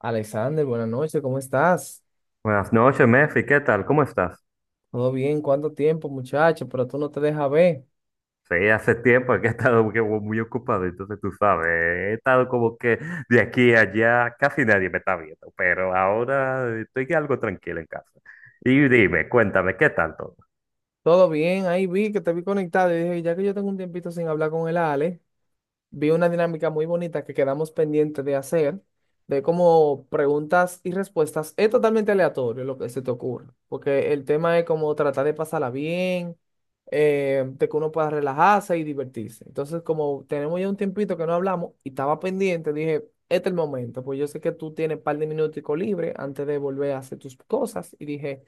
Alexander, buenas noches, ¿cómo estás? Buenas noches, Mefi, ¿qué tal? ¿Cómo estás? ¿Todo bien? ¿Cuánto tiempo, muchacho? Pero tú no te dejas ver. Sí, hace tiempo que he estado que muy ocupado, entonces tú sabes, he estado como que de aquí a allá casi nadie me está viendo, pero ahora estoy algo tranquilo en casa. Y dime, cuéntame, ¿qué tal todo? Todo bien, ahí vi que te vi conectado y dije, ya que yo tengo un tiempito sin hablar con el Ale, vi una dinámica muy bonita que quedamos pendientes de hacer, de como preguntas y respuestas. Es totalmente aleatorio lo que se te ocurra, porque el tema es como tratar de pasarla bien, de que uno pueda relajarse y divertirse. Entonces, como tenemos ya un tiempito que no hablamos y estaba pendiente, dije, este es el momento, pues yo sé que tú tienes un par de minuticos libres antes de volver a hacer tus cosas y dije,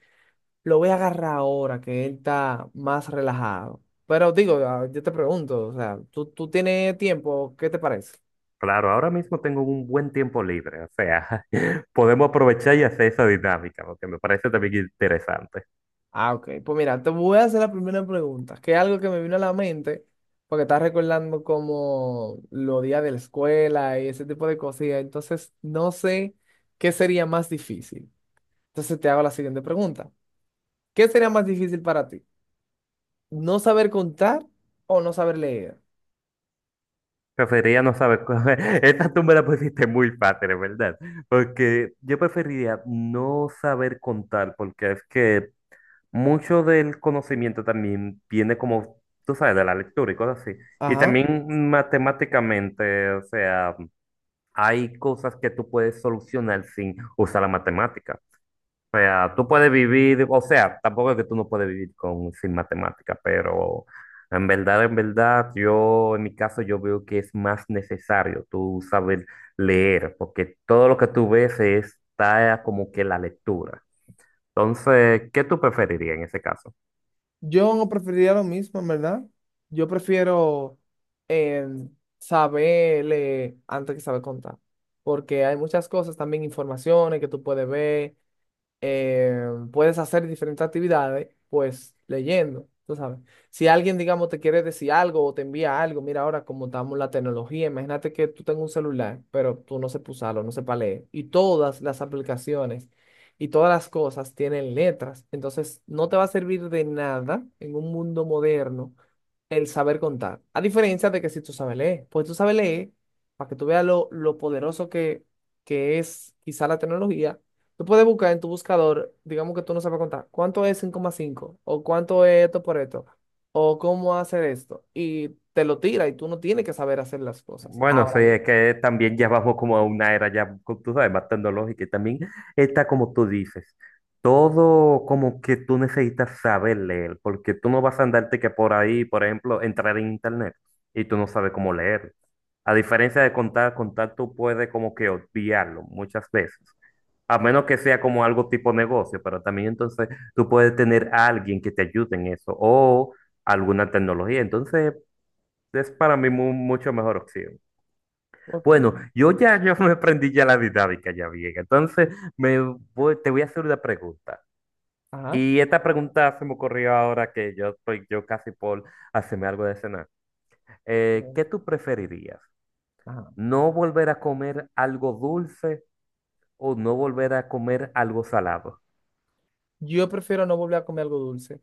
lo voy a agarrar ahora que él está más relajado. Pero digo, ah, yo te pregunto, o sea, ¿tú tienes tiempo? ¿Qué te parece? Claro, ahora mismo tengo un buen tiempo libre, o sea, podemos aprovechar y hacer esa dinámica, lo que me parece también interesante. Ah, ok. Pues mira, te voy a hacer la primera pregunta, que es algo que me vino a la mente, porque estás recordando como los días de la escuela y ese tipo de cosillas. Entonces, no sé qué sería más difícil. Entonces, te hago la siguiente pregunta. ¿Qué sería más difícil para ti? ¿No saber contar o no saber leer? Preferiría no saber, esta tú me la pusiste muy fácil, en ¿verdad? Porque yo preferiría no saber contar, porque es que mucho del conocimiento también viene como, tú sabes, de la lectura y cosas así. Y Ajá. también matemáticamente, o sea, hay cosas que tú puedes solucionar sin usar la matemática. O sea, tú puedes vivir, o sea, tampoco es que tú no puedes vivir con, sin matemática, pero en verdad, yo, en mi caso, yo veo que es más necesario tú saber leer, porque todo lo que tú ves está como que la lectura. Entonces, ¿qué tú preferirías en ese caso? Yo preferiría lo mismo, en verdad. Yo prefiero eh, saber leer antes que saber contar, porque hay muchas cosas, también informaciones que tú puedes ver, puedes hacer diferentes actividades, pues leyendo, tú sabes. Si alguien, digamos, te quiere decir algo o te envía algo, mira ahora cómo estamos la tecnología, imagínate que tú tengas un celular, pero tú no sepas usarlo, no sepas leer. Y todas las aplicaciones y todas las cosas tienen letras, entonces no te va a servir de nada en un mundo moderno el saber contar. A diferencia de que si tú sabes leer, pues tú sabes leer, para que tú veas lo poderoso que es quizá la tecnología, tú puedes buscar en tu buscador, digamos que tú no sabes contar, ¿cuánto es cinco más cinco? ¿O cuánto es esto por esto? ¿O cómo hacer esto? Y te lo tira y tú no tienes que saber hacer las cosas. Bueno, sí, Ahora es bien. que también ya vamos como a una era ya, tú sabes, más tecnológica y también está como tú dices, todo como que tú necesitas saber leer, porque tú no vas a andarte que por ahí, por ejemplo, entrar en internet y tú no sabes cómo leer. A diferencia de contar, contar tú puedes como que obviarlo muchas veces, a menos que sea como algo tipo negocio, pero también entonces tú puedes tener a alguien que te ayude en eso o alguna tecnología, entonces es para mí mucho mejor opción. Ok. Bueno, yo ya yo me aprendí ya la dinámica ya bien. Entonces, me te voy a hacer una pregunta. Ajá. Y esta pregunta se me ocurrió ahora que yo estoy yo casi por hacerme algo de cenar. Bien. ¿Qué tú preferirías? Ajá. ¿No volver a comer algo dulce o no volver a comer algo salado? Yo prefiero no volver a comer algo dulce.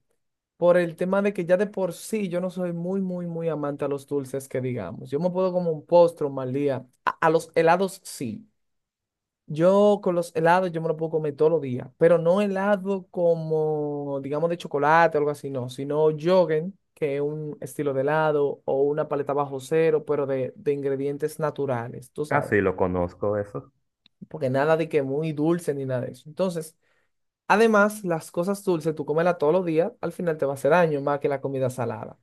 Por el tema de que ya de por sí yo no soy muy, muy, muy amante a los dulces que digamos. Yo me puedo como un postre, un mal día. A los helados sí. Yo con los helados yo me lo puedo comer todos los días, pero no helado como, digamos, de chocolate o algo así, no, sino Yogen, que es un estilo de helado o una paleta bajo cero, pero de ingredientes naturales, tú Ah, sabes, sí, lo conozco eso. porque nada de que muy dulce ni nada de eso. Entonces, además, las cosas dulces, tú cómela todos los días, al final te va a hacer daño más que la comida salada.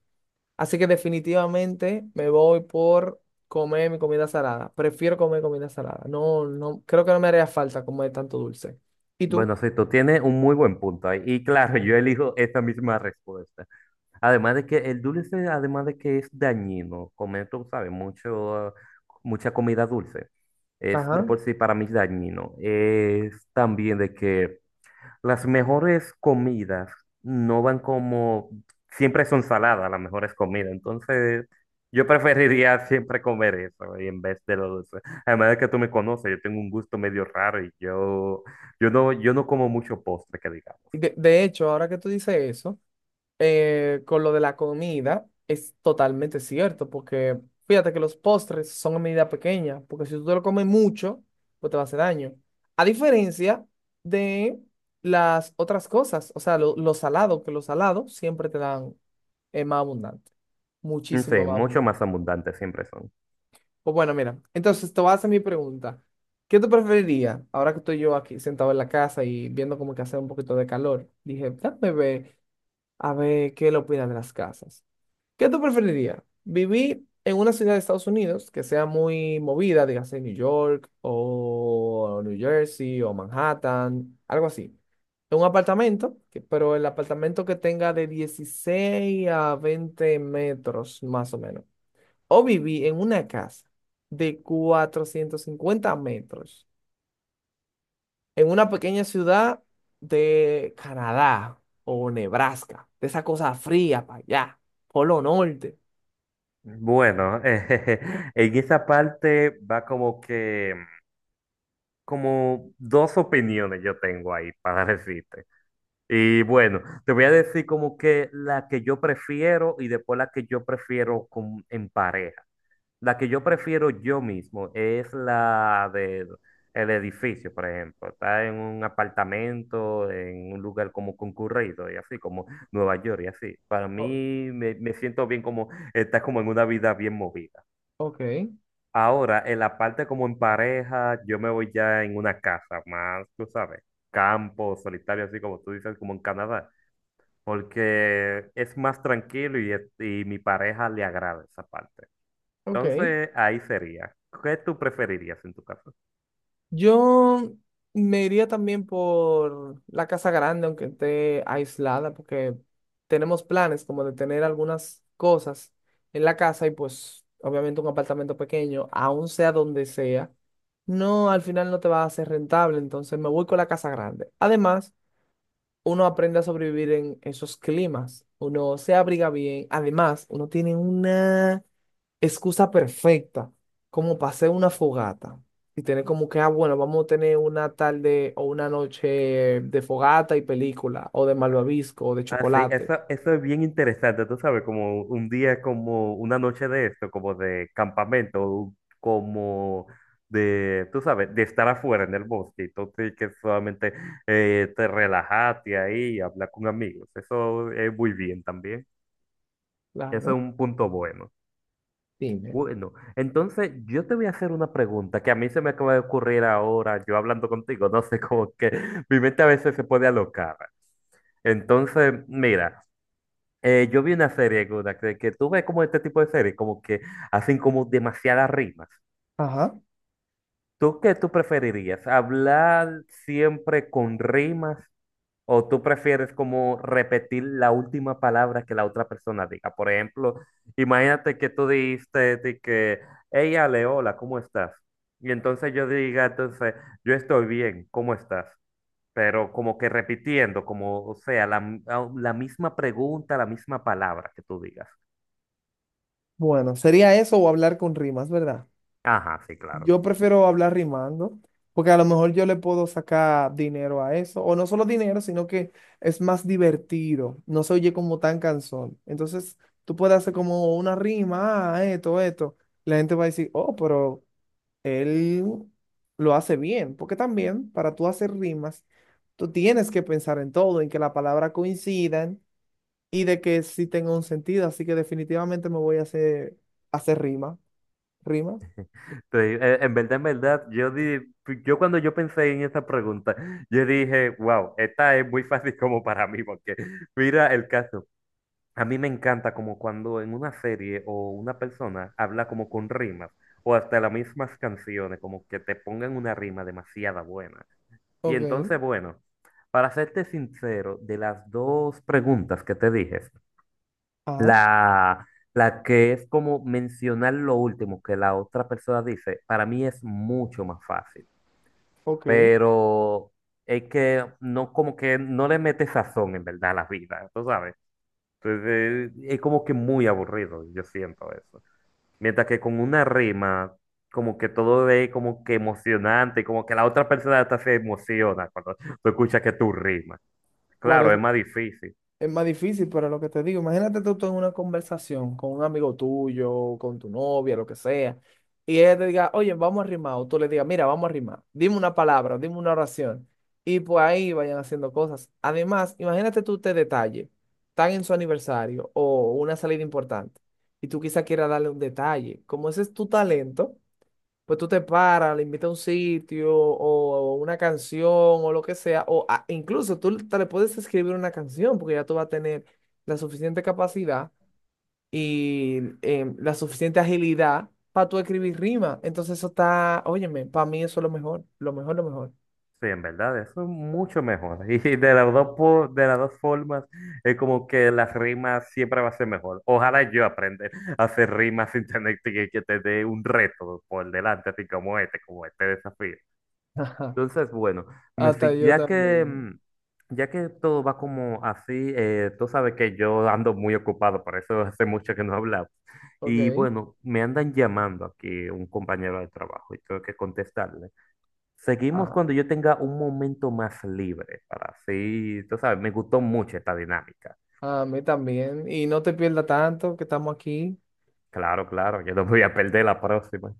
Así que definitivamente me voy por comer mi comida salada. Prefiero comer comida salada. No, no, creo que no me haría falta comer tanto dulce. ¿Y tú? Bueno, sí, tú tienes un muy buen punto ahí. Y claro, yo elijo esta misma respuesta. Además de que el dulce, además de que es dañino, comer, tú sabes, mucho, mucha comida dulce, es de Ajá. por sí para mí dañino. Es también de que las mejores comidas no van como, siempre son saladas las mejores comidas, entonces yo preferiría siempre comer eso y en vez de lo dulce. Además de que tú me conoces, yo tengo un gusto medio raro y yo no, yo no como mucho postre, que digamos. Y De hecho, ahora que tú dices eso, con lo de la comida, es totalmente cierto, porque fíjate que los postres son a medida pequeña, porque si tú te lo comes mucho, pues te va a hacer daño. A diferencia de las otras cosas, o sea, lo salado, que lo salado siempre te dan más abundante, No muchísimo sé, más mucho abundante. más abundante siempre son. Pues bueno, mira, entonces te voy a hacer mi pregunta. ¿Qué tú preferirías ahora que estoy yo aquí sentado en la casa y viendo como que hace un poquito de calor? Dije, déjame ver, a ver qué le opinan de las casas. ¿Qué tú preferirías? ¿Vivir en una ciudad de Estados Unidos que sea muy movida, dígase New York o New Jersey o Manhattan, algo así? En un apartamento, pero el apartamento que tenga de 16 a 20 metros más o menos. O vivir en una casa de 450 metros en una pequeña ciudad de Canadá o Nebraska, de esa cosa fría para allá, Polo Norte. Bueno, en esa parte va como que, como dos opiniones yo tengo ahí para decirte. Y bueno, te voy a decir como que la que yo prefiero y después la que yo prefiero en pareja. La que yo prefiero yo mismo es la del el edificio, por ejemplo. Está en un apartamento, en un lugar como concurrido y así, como Nueva York y así. Para O- mí me, me siento bien como, está como en una vida bien movida. ok. Ahora, en la parte como en pareja, yo me voy ya en una casa más, tú sabes, campo, solitario, así como tú dices, como en Canadá, porque es más tranquilo y, y mi pareja le agrada esa parte. Ok. Entonces, ahí sería. ¿Qué tú preferirías en tu caso? Yo me iría también por la casa grande, aunque esté aislada, porque tenemos planes como de tener algunas cosas en la casa y pues obviamente un apartamento pequeño, aun sea donde sea, no, al final no te va a ser rentable, entonces me voy con la casa grande. Además, uno aprende a sobrevivir en esos climas, uno se abriga bien, además, uno tiene una excusa perfecta como para hacer una fogata y tener como que, ah, bueno, vamos a tener una tarde o una noche de fogata y película o de malvavisco o de Ah, sí, eso, chocolate. eso es bien interesante, tú sabes, como un día como una noche de esto, como de campamento, como de, tú sabes, de estar afuera en el bosque, entonces que solamente te relajaste ahí y hablar con amigos, eso es muy bien también, eso es Claro, un punto bueno. dime. Bueno, entonces yo te voy a hacer una pregunta que a mí se me acaba de ocurrir ahora, yo hablando contigo, no sé, como que mi mente a veces se puede alocar. Entonces, mira. Yo vi una serie, Guna, que tú ves como este tipo de series, como que hacen como demasiadas rimas. Ajá. ¿Tú qué tú preferirías? ¿Hablar siempre con rimas o tú prefieres como repetir la última palabra que la otra persona diga? Por ejemplo, imagínate que tú dijiste de que, hey Ale, hola, ¿cómo estás? Y entonces yo diga, entonces, yo estoy bien, ¿cómo estás? Pero como que repitiendo, como, o sea, la misma pregunta, la misma palabra que tú digas. Bueno, sería eso o hablar con rimas, ¿verdad? Ajá, sí, claro. Yo prefiero hablar rimando, porque a lo mejor yo le puedo sacar dinero a eso, o no solo dinero, sino que es más divertido, no se oye como tan cansón. Entonces, tú puedes hacer como una rima, ah, esto, esto. La gente va a decir, oh, pero él lo hace bien, porque también para tú hacer rimas, tú tienes que pensar en todo, en que las palabras coincidan y de que sí tenga un sentido, así que definitivamente me voy a hacer rima. ¿Rima? Sí, en verdad, yo, di, yo cuando yo pensé en esta pregunta, yo dije, wow, esta es muy fácil como para mí, porque mira el caso. A mí me encanta como cuando en una serie o una persona habla como con rimas o hasta las mismas canciones, como que te pongan una rima demasiada buena. Y Ok. entonces, bueno, para serte sincero, de las dos preguntas que te dije, Ajá. La, la que es como mencionar lo último que la otra persona dice, para mí es mucho más fácil, Ok, pero es que no como que no le mete sazón en verdad a la vida, tú sabes. Entonces es como que muy aburrido, yo siento eso. Mientras que con una rima, como que todo es como que emocionante, como que la otra persona hasta se emociona cuando tú escuchas que tú rimas. por Claro, es eso más difícil. es más difícil, pero lo que te digo, imagínate tú en una conversación con un amigo tuyo, con tu novia, lo que sea, y ella te diga, oye, vamos a rimar, o tú le digas, mira, vamos a rimar, dime una palabra, dime una oración, y pues ahí vayan haciendo cosas. Además, imagínate tú este detalle, están en su aniversario o una salida importante, y tú quizás quieras darle un detalle, como ese es tu talento. Pues tú te paras, le invitas a un sitio o una canción o lo que sea, incluso tú te le puedes escribir una canción porque ya tú vas a tener la suficiente capacidad y la suficiente agilidad para tú escribir rima. Entonces eso está, óyeme, para mí eso es lo mejor, lo mejor, lo mejor. Sí, en verdad, eso es mucho mejor. Y de las dos, de las dos formas, es como que las rimas siempre va a ser mejor. Ojalá yo aprenda a hacer rimas sin tener que tener un reto por delante, así como este desafío. Ajá. Entonces, bueno, me Hasta yo ya que, también. Ya que todo va como así, tú sabes que yo ando muy ocupado, por eso hace mucho que no hablamos. Y Ok. bueno, me andan llamando aquí un compañero de trabajo y tengo que contestarle. Seguimos Ah, cuando yo tenga un momento más libre para así, tú sabes, me gustó mucho esta dinámica. a mí también. Y no te pierdas tanto que estamos aquí. Claro, claro, yo no me voy a perder la próxima.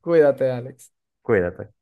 Cuídate, Alex. Cuídate.